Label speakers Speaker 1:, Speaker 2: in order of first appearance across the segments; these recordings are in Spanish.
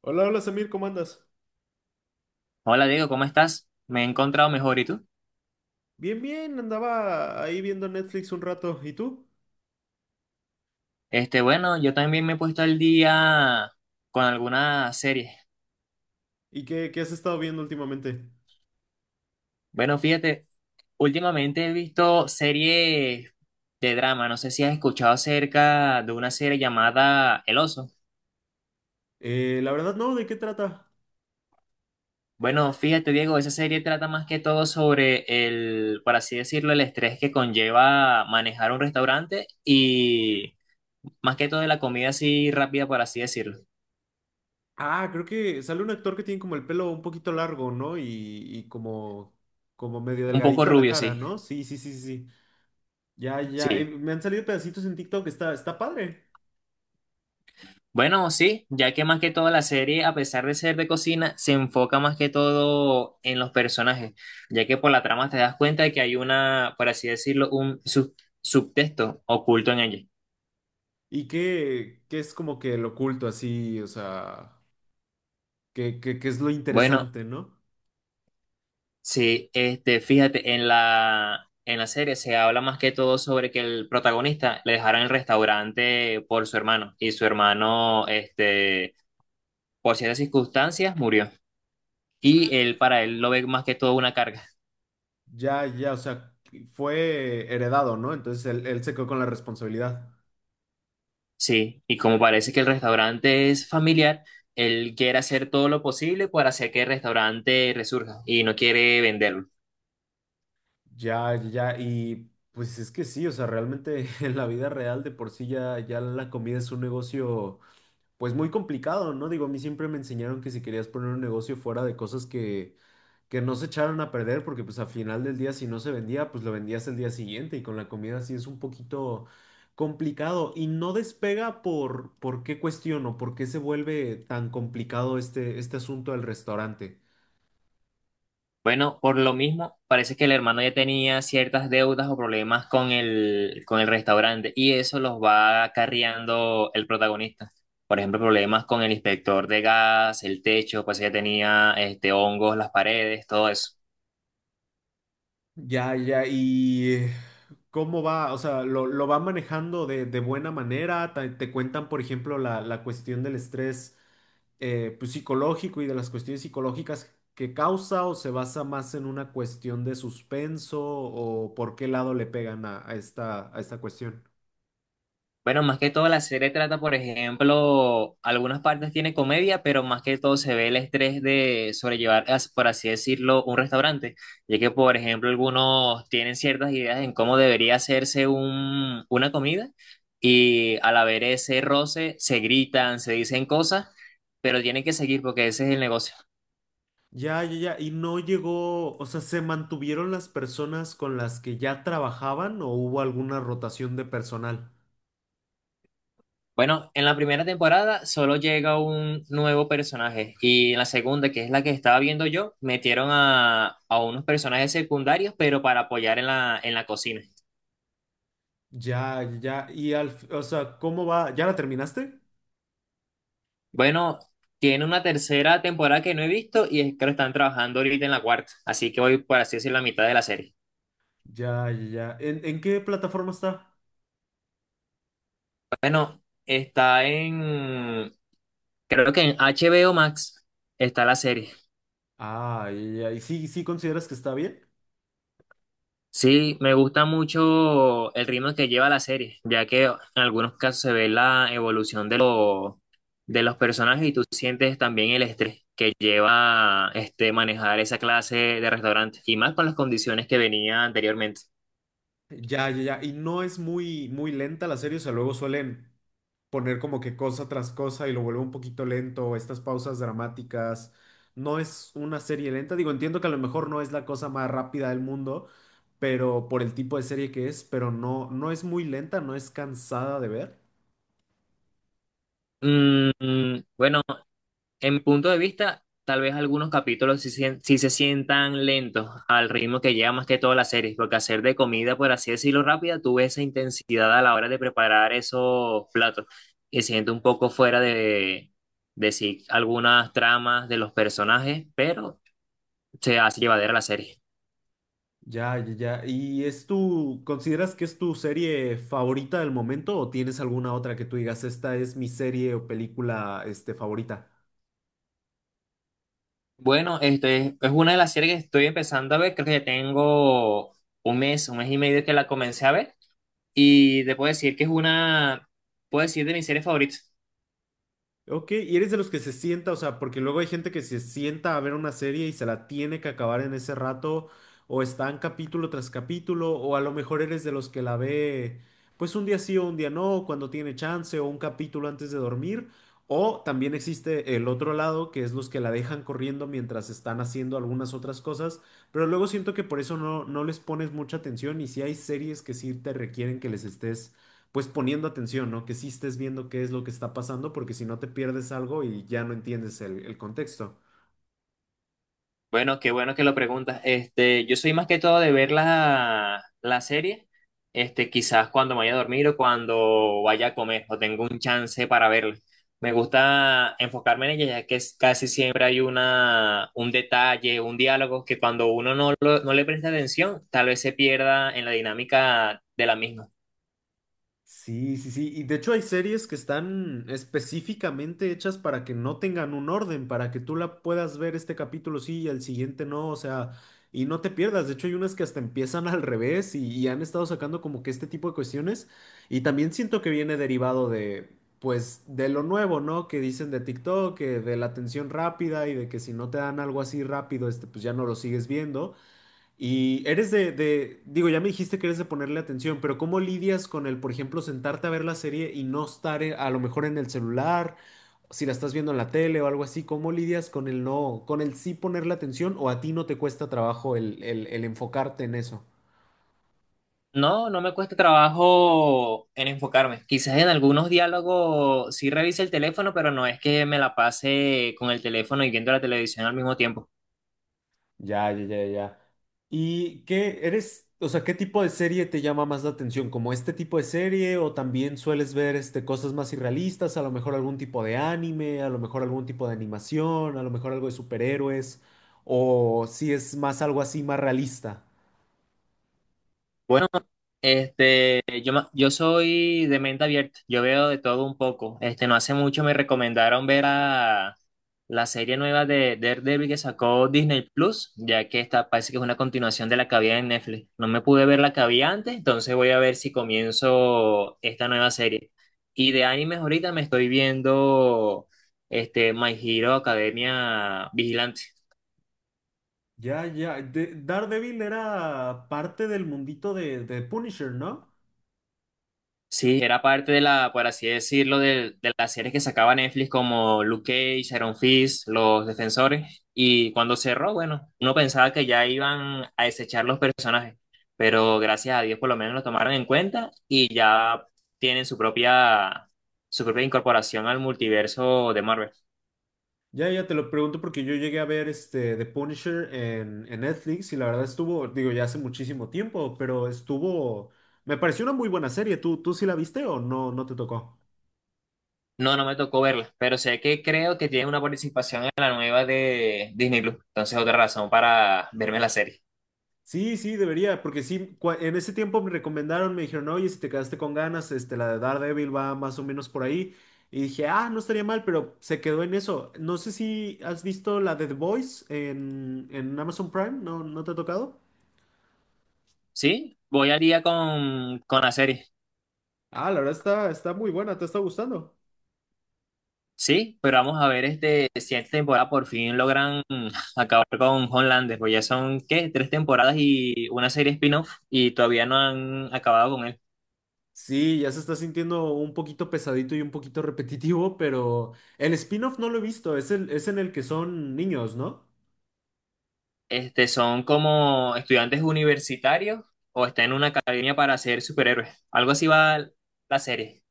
Speaker 1: Hola, hola Samir, ¿cómo andas?
Speaker 2: Hola Diego, ¿cómo estás? Me he encontrado mejor, ¿y tú?
Speaker 1: Bien, bien, andaba ahí viendo Netflix un rato. ¿Y tú?
Speaker 2: Bueno, yo también me he puesto al día con alguna serie.
Speaker 1: ¿Y qué has estado viendo últimamente?
Speaker 2: Bueno, fíjate, últimamente he visto series de drama. No sé si has escuchado acerca de una serie llamada El Oso.
Speaker 1: La verdad no, ¿de qué trata?
Speaker 2: Bueno, fíjate, Diego, esa serie trata más que todo sobre el, por así decirlo, el estrés que conlleva manejar un restaurante y más que todo de la comida así rápida, por así decirlo.
Speaker 1: Ah, creo que sale un actor que tiene como el pelo un poquito largo, ¿no? Y como, como medio
Speaker 2: Un poco
Speaker 1: delgadito a la
Speaker 2: rubio,
Speaker 1: cara,
Speaker 2: sí.
Speaker 1: ¿no? Sí, sí, sí, sí. Ya, ya,
Speaker 2: Sí.
Speaker 1: me han salido pedacitos en TikTok, está padre.
Speaker 2: Bueno, sí, ya que más que todo la serie, a pesar de ser de cocina, se enfoca más que todo en los personajes, ya que por la trama te das cuenta de que hay una, por así decirlo, un subtexto oculto en ella.
Speaker 1: ¿Y qué es como que lo oculto así? O sea, qué es lo
Speaker 2: Bueno,
Speaker 1: interesante, ¿no?
Speaker 2: sí, fíjate, en la serie se habla más que todo sobre que el protagonista le dejaron el restaurante por su hermano, y su hermano, por ciertas circunstancias, murió. Y él, para él, lo ve más que todo una carga.
Speaker 1: Ya, ya, o sea, fue heredado, ¿no? Entonces él se quedó con la responsabilidad.
Speaker 2: Sí, y como parece que el restaurante es familiar, él quiere hacer todo lo posible para hacer que el restaurante resurja y no quiere venderlo.
Speaker 1: Ya, ya, y pues es que sí, o sea, realmente en la vida real de por sí ya la comida es un negocio. Pues muy complicado, ¿no? Digo, a mí siempre me enseñaron que si querías poner un negocio fuera de cosas que no se echaran a perder, porque pues al final del día si no se vendía, pues lo vendías el día siguiente y con la comida sí es un poquito complicado y no despega por qué cuestiono, por qué se vuelve tan complicado este asunto del restaurante.
Speaker 2: Bueno, por lo mismo, parece que el hermano ya tenía ciertas deudas o problemas con el restaurante y eso los va acarreando el protagonista. Por ejemplo, problemas con el inspector de gas, el techo, pues ya tenía hongos, las paredes, todo eso.
Speaker 1: Ya, ya, y ¿cómo va? O sea, lo va manejando de buena manera? ¿Te cuentan, por ejemplo, la cuestión del estrés pues, psicológico y de las cuestiones psicológicas que causa o se basa más en una cuestión de suspenso o por qué lado le pegan a esta cuestión?
Speaker 2: Bueno, más que todo la serie trata, por ejemplo, algunas partes tiene comedia, pero más que todo se ve el estrés de sobrellevar, por así decirlo, un restaurante, ya que, por ejemplo, algunos tienen ciertas ideas en cómo debería hacerse una comida y al haber ese roce se gritan, se dicen cosas, pero tienen que seguir porque ese es el negocio.
Speaker 1: Ya, ya, ya, y no llegó, o sea, ¿se mantuvieron las personas con las que ya trabajaban o hubo alguna rotación de personal?
Speaker 2: Bueno, en la primera temporada solo llega un nuevo personaje y en la segunda, que es la que estaba viendo yo, metieron a unos personajes secundarios, pero para apoyar en la cocina.
Speaker 1: Ya, ya, y al, o sea, ¿cómo va? ¿Ya la terminaste?
Speaker 2: Bueno, tiene una tercera temporada que no he visto y es que lo están trabajando ahorita en la cuarta, así que voy por así decir la mitad de la serie.
Speaker 1: Ya, ya, ya. En qué plataforma está?
Speaker 2: Bueno, creo que en HBO Max está la serie.
Speaker 1: Ah, ya, ya, ¿y sí, sí consideras que está bien?
Speaker 2: Sí, me gusta mucho el ritmo que lleva la serie, ya que en algunos casos se ve la evolución de, de los personajes y tú sientes también el estrés que lleva manejar esa clase de restaurante y más con las condiciones que venía anteriormente.
Speaker 1: Ya, ya, ya. Y no es muy lenta la serie, o sea, luego suelen poner como que cosa tras cosa y lo vuelve un poquito lento, estas pausas dramáticas. No es una serie lenta. Digo, entiendo que a lo mejor no es la cosa más rápida del mundo, pero por el tipo de serie que es, pero no, no es muy lenta, no es cansada de ver.
Speaker 2: Bueno, en mi punto de vista, tal vez algunos capítulos sí, sí se sientan lentos al ritmo que lleva más que toda la serie, porque hacer de comida, por así decirlo, rápida, tuve esa intensidad a la hora de preparar esos platos y siento un poco fuera de sí algunas tramas de los personajes, pero se hace llevadera la serie.
Speaker 1: Ya, ya, ya. ¿Y es tu, consideras que es tu serie favorita del momento o tienes alguna otra que tú digas, esta es mi serie o película, este, favorita?
Speaker 2: Bueno, este es una de las series que estoy empezando a ver, creo que ya tengo un mes y medio que la comencé a ver y te puedo decir que es una, puedo decir de mis series favoritas.
Speaker 1: Ok, y eres de los que se sienta, o sea, porque luego hay gente que se sienta a ver una serie y se la tiene que acabar en ese rato, o está en capítulo tras capítulo, o a lo mejor eres de los que la ve, pues un día sí o un día no, cuando tiene chance, o un capítulo antes de dormir, o también existe el otro lado, que es los que la dejan corriendo mientras están haciendo algunas otras cosas, pero luego siento que por eso no, no les pones mucha atención y si hay series que sí te requieren que les estés pues poniendo atención, ¿no? Que sí estés viendo qué es lo que está pasando, porque si no te pierdes algo y ya no entiendes el contexto.
Speaker 2: Bueno, qué bueno que lo preguntas. Este, yo soy más que todo de ver la serie, quizás cuando me vaya a dormir o cuando vaya a comer o tengo un chance para verla. Me gusta enfocarme en ella, ya que casi siempre hay una, un detalle, un diálogo que cuando uno no, no le presta atención, tal vez se pierda en la dinámica de la misma.
Speaker 1: Sí, sí, sí. Y de hecho hay series que están específicamente hechas para que no tengan un orden, para que tú la puedas ver este capítulo sí y el siguiente no, o sea, y no te pierdas. De hecho hay unas que hasta empiezan al revés y han estado sacando como que este tipo de cuestiones. Y también siento que viene derivado de, pues, de lo nuevo, ¿no? Que dicen de TikTok, que de la atención rápida y de que si no te dan algo así rápido, este, pues ya no lo sigues viendo. Y eres digo, ya me dijiste que eres de ponerle atención, pero ¿cómo lidias con el, por ejemplo, sentarte a ver la serie y no estar a lo mejor en el celular, si la estás viendo en la tele o algo así? ¿Cómo lidias con el no, con el sí ponerle atención o a ti no te cuesta trabajo el, el enfocarte en eso?
Speaker 2: No, no me cuesta trabajo en enfocarme. Quizás en algunos diálogos sí revise el teléfono, pero no es que me la pase con el teléfono y viendo la televisión al mismo tiempo.
Speaker 1: Ya, ya, ya, ya. ¿Y qué eres, o sea, qué tipo de serie te llama más la atención? ¿Como este tipo de serie o también sueles ver este, cosas más irrealistas? A lo mejor algún tipo de anime, a lo mejor algún tipo de animación, a lo mejor algo de superhéroes, o si es más algo así más realista.
Speaker 2: Bueno, yo soy de mente abierta, yo veo de todo un poco. Este, no hace mucho me recomendaron ver a la serie nueva de Daredevil que sacó Disney Plus, ya que esta parece que es una continuación de la que había en Netflix. No me pude ver la que había antes, entonces voy a ver si comienzo esta nueva serie. Y de animes ahorita me estoy viendo My Hero Academia Vigilante.
Speaker 1: Ya, ya. De- Daredevil era parte del mundito de Punisher, ¿no?
Speaker 2: Sí, era parte de la, por así decirlo, de las series que sacaba Netflix como Luke Cage, Iron Fist, Los Defensores. Y cuando cerró, bueno, uno pensaba que ya iban a desechar los personajes, pero gracias a Dios por lo menos lo tomaron en cuenta y ya tienen su propia incorporación al multiverso de Marvel.
Speaker 1: Ya, ya te lo pregunto porque yo llegué a ver este The Punisher en Netflix y la verdad estuvo, digo, ya hace muchísimo tiempo, pero estuvo, me pareció una muy buena serie. Tú sí la viste o no, no te tocó?
Speaker 2: No, no me tocó verla, pero sé que creo que tiene una participación en la nueva de Disney Plus. Entonces, otra razón para verme la serie.
Speaker 1: Sí, sí, debería, porque sí, cua- en ese tiempo me recomendaron, me dijeron, oye, si te quedaste con ganas, este, la de Daredevil va más o menos por ahí. Y dije, ah, no estaría mal, pero se quedó en eso. No sé si has visto la de The Boys en Amazon Prime, ¿no, no te ha tocado?
Speaker 2: Sí, voy al día con la serie.
Speaker 1: Ah, la verdad está, está muy buena, ¿te está gustando?
Speaker 2: Sí, pero vamos a ver este, si esta temporada por fin logran acabar con Homelander, pues ya son, ¿qué? Tres temporadas y una serie spin-off y todavía no han acabado con él.
Speaker 1: Sí, ya se está sintiendo un poquito pesadito y un poquito repetitivo, pero el spin-off no lo he visto, es, el, es en el que son niños, ¿no?
Speaker 2: Este, son como estudiantes universitarios o están en una academia para ser superhéroes. Algo así va la serie.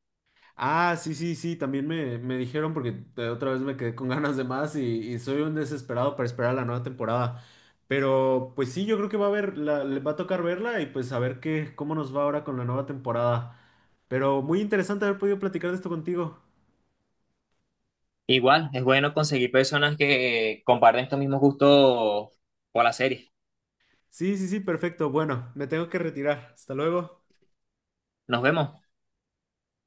Speaker 1: Ah, sí, sí, sí, también me dijeron porque de otra vez me quedé con ganas de más y soy un desesperado para esperar la nueva temporada. Pero pues sí, yo creo que va a haber, la- le va a tocar verla y pues a ver qué, cómo nos va ahora con la nueva temporada. Pero muy interesante haber podido platicar de esto contigo.
Speaker 2: Igual, es bueno conseguir personas que comparten estos mismos gustos por la serie.
Speaker 1: Sí, sí, sí, perfecto. Bueno, me tengo que retirar. Hasta luego.
Speaker 2: Nos vemos.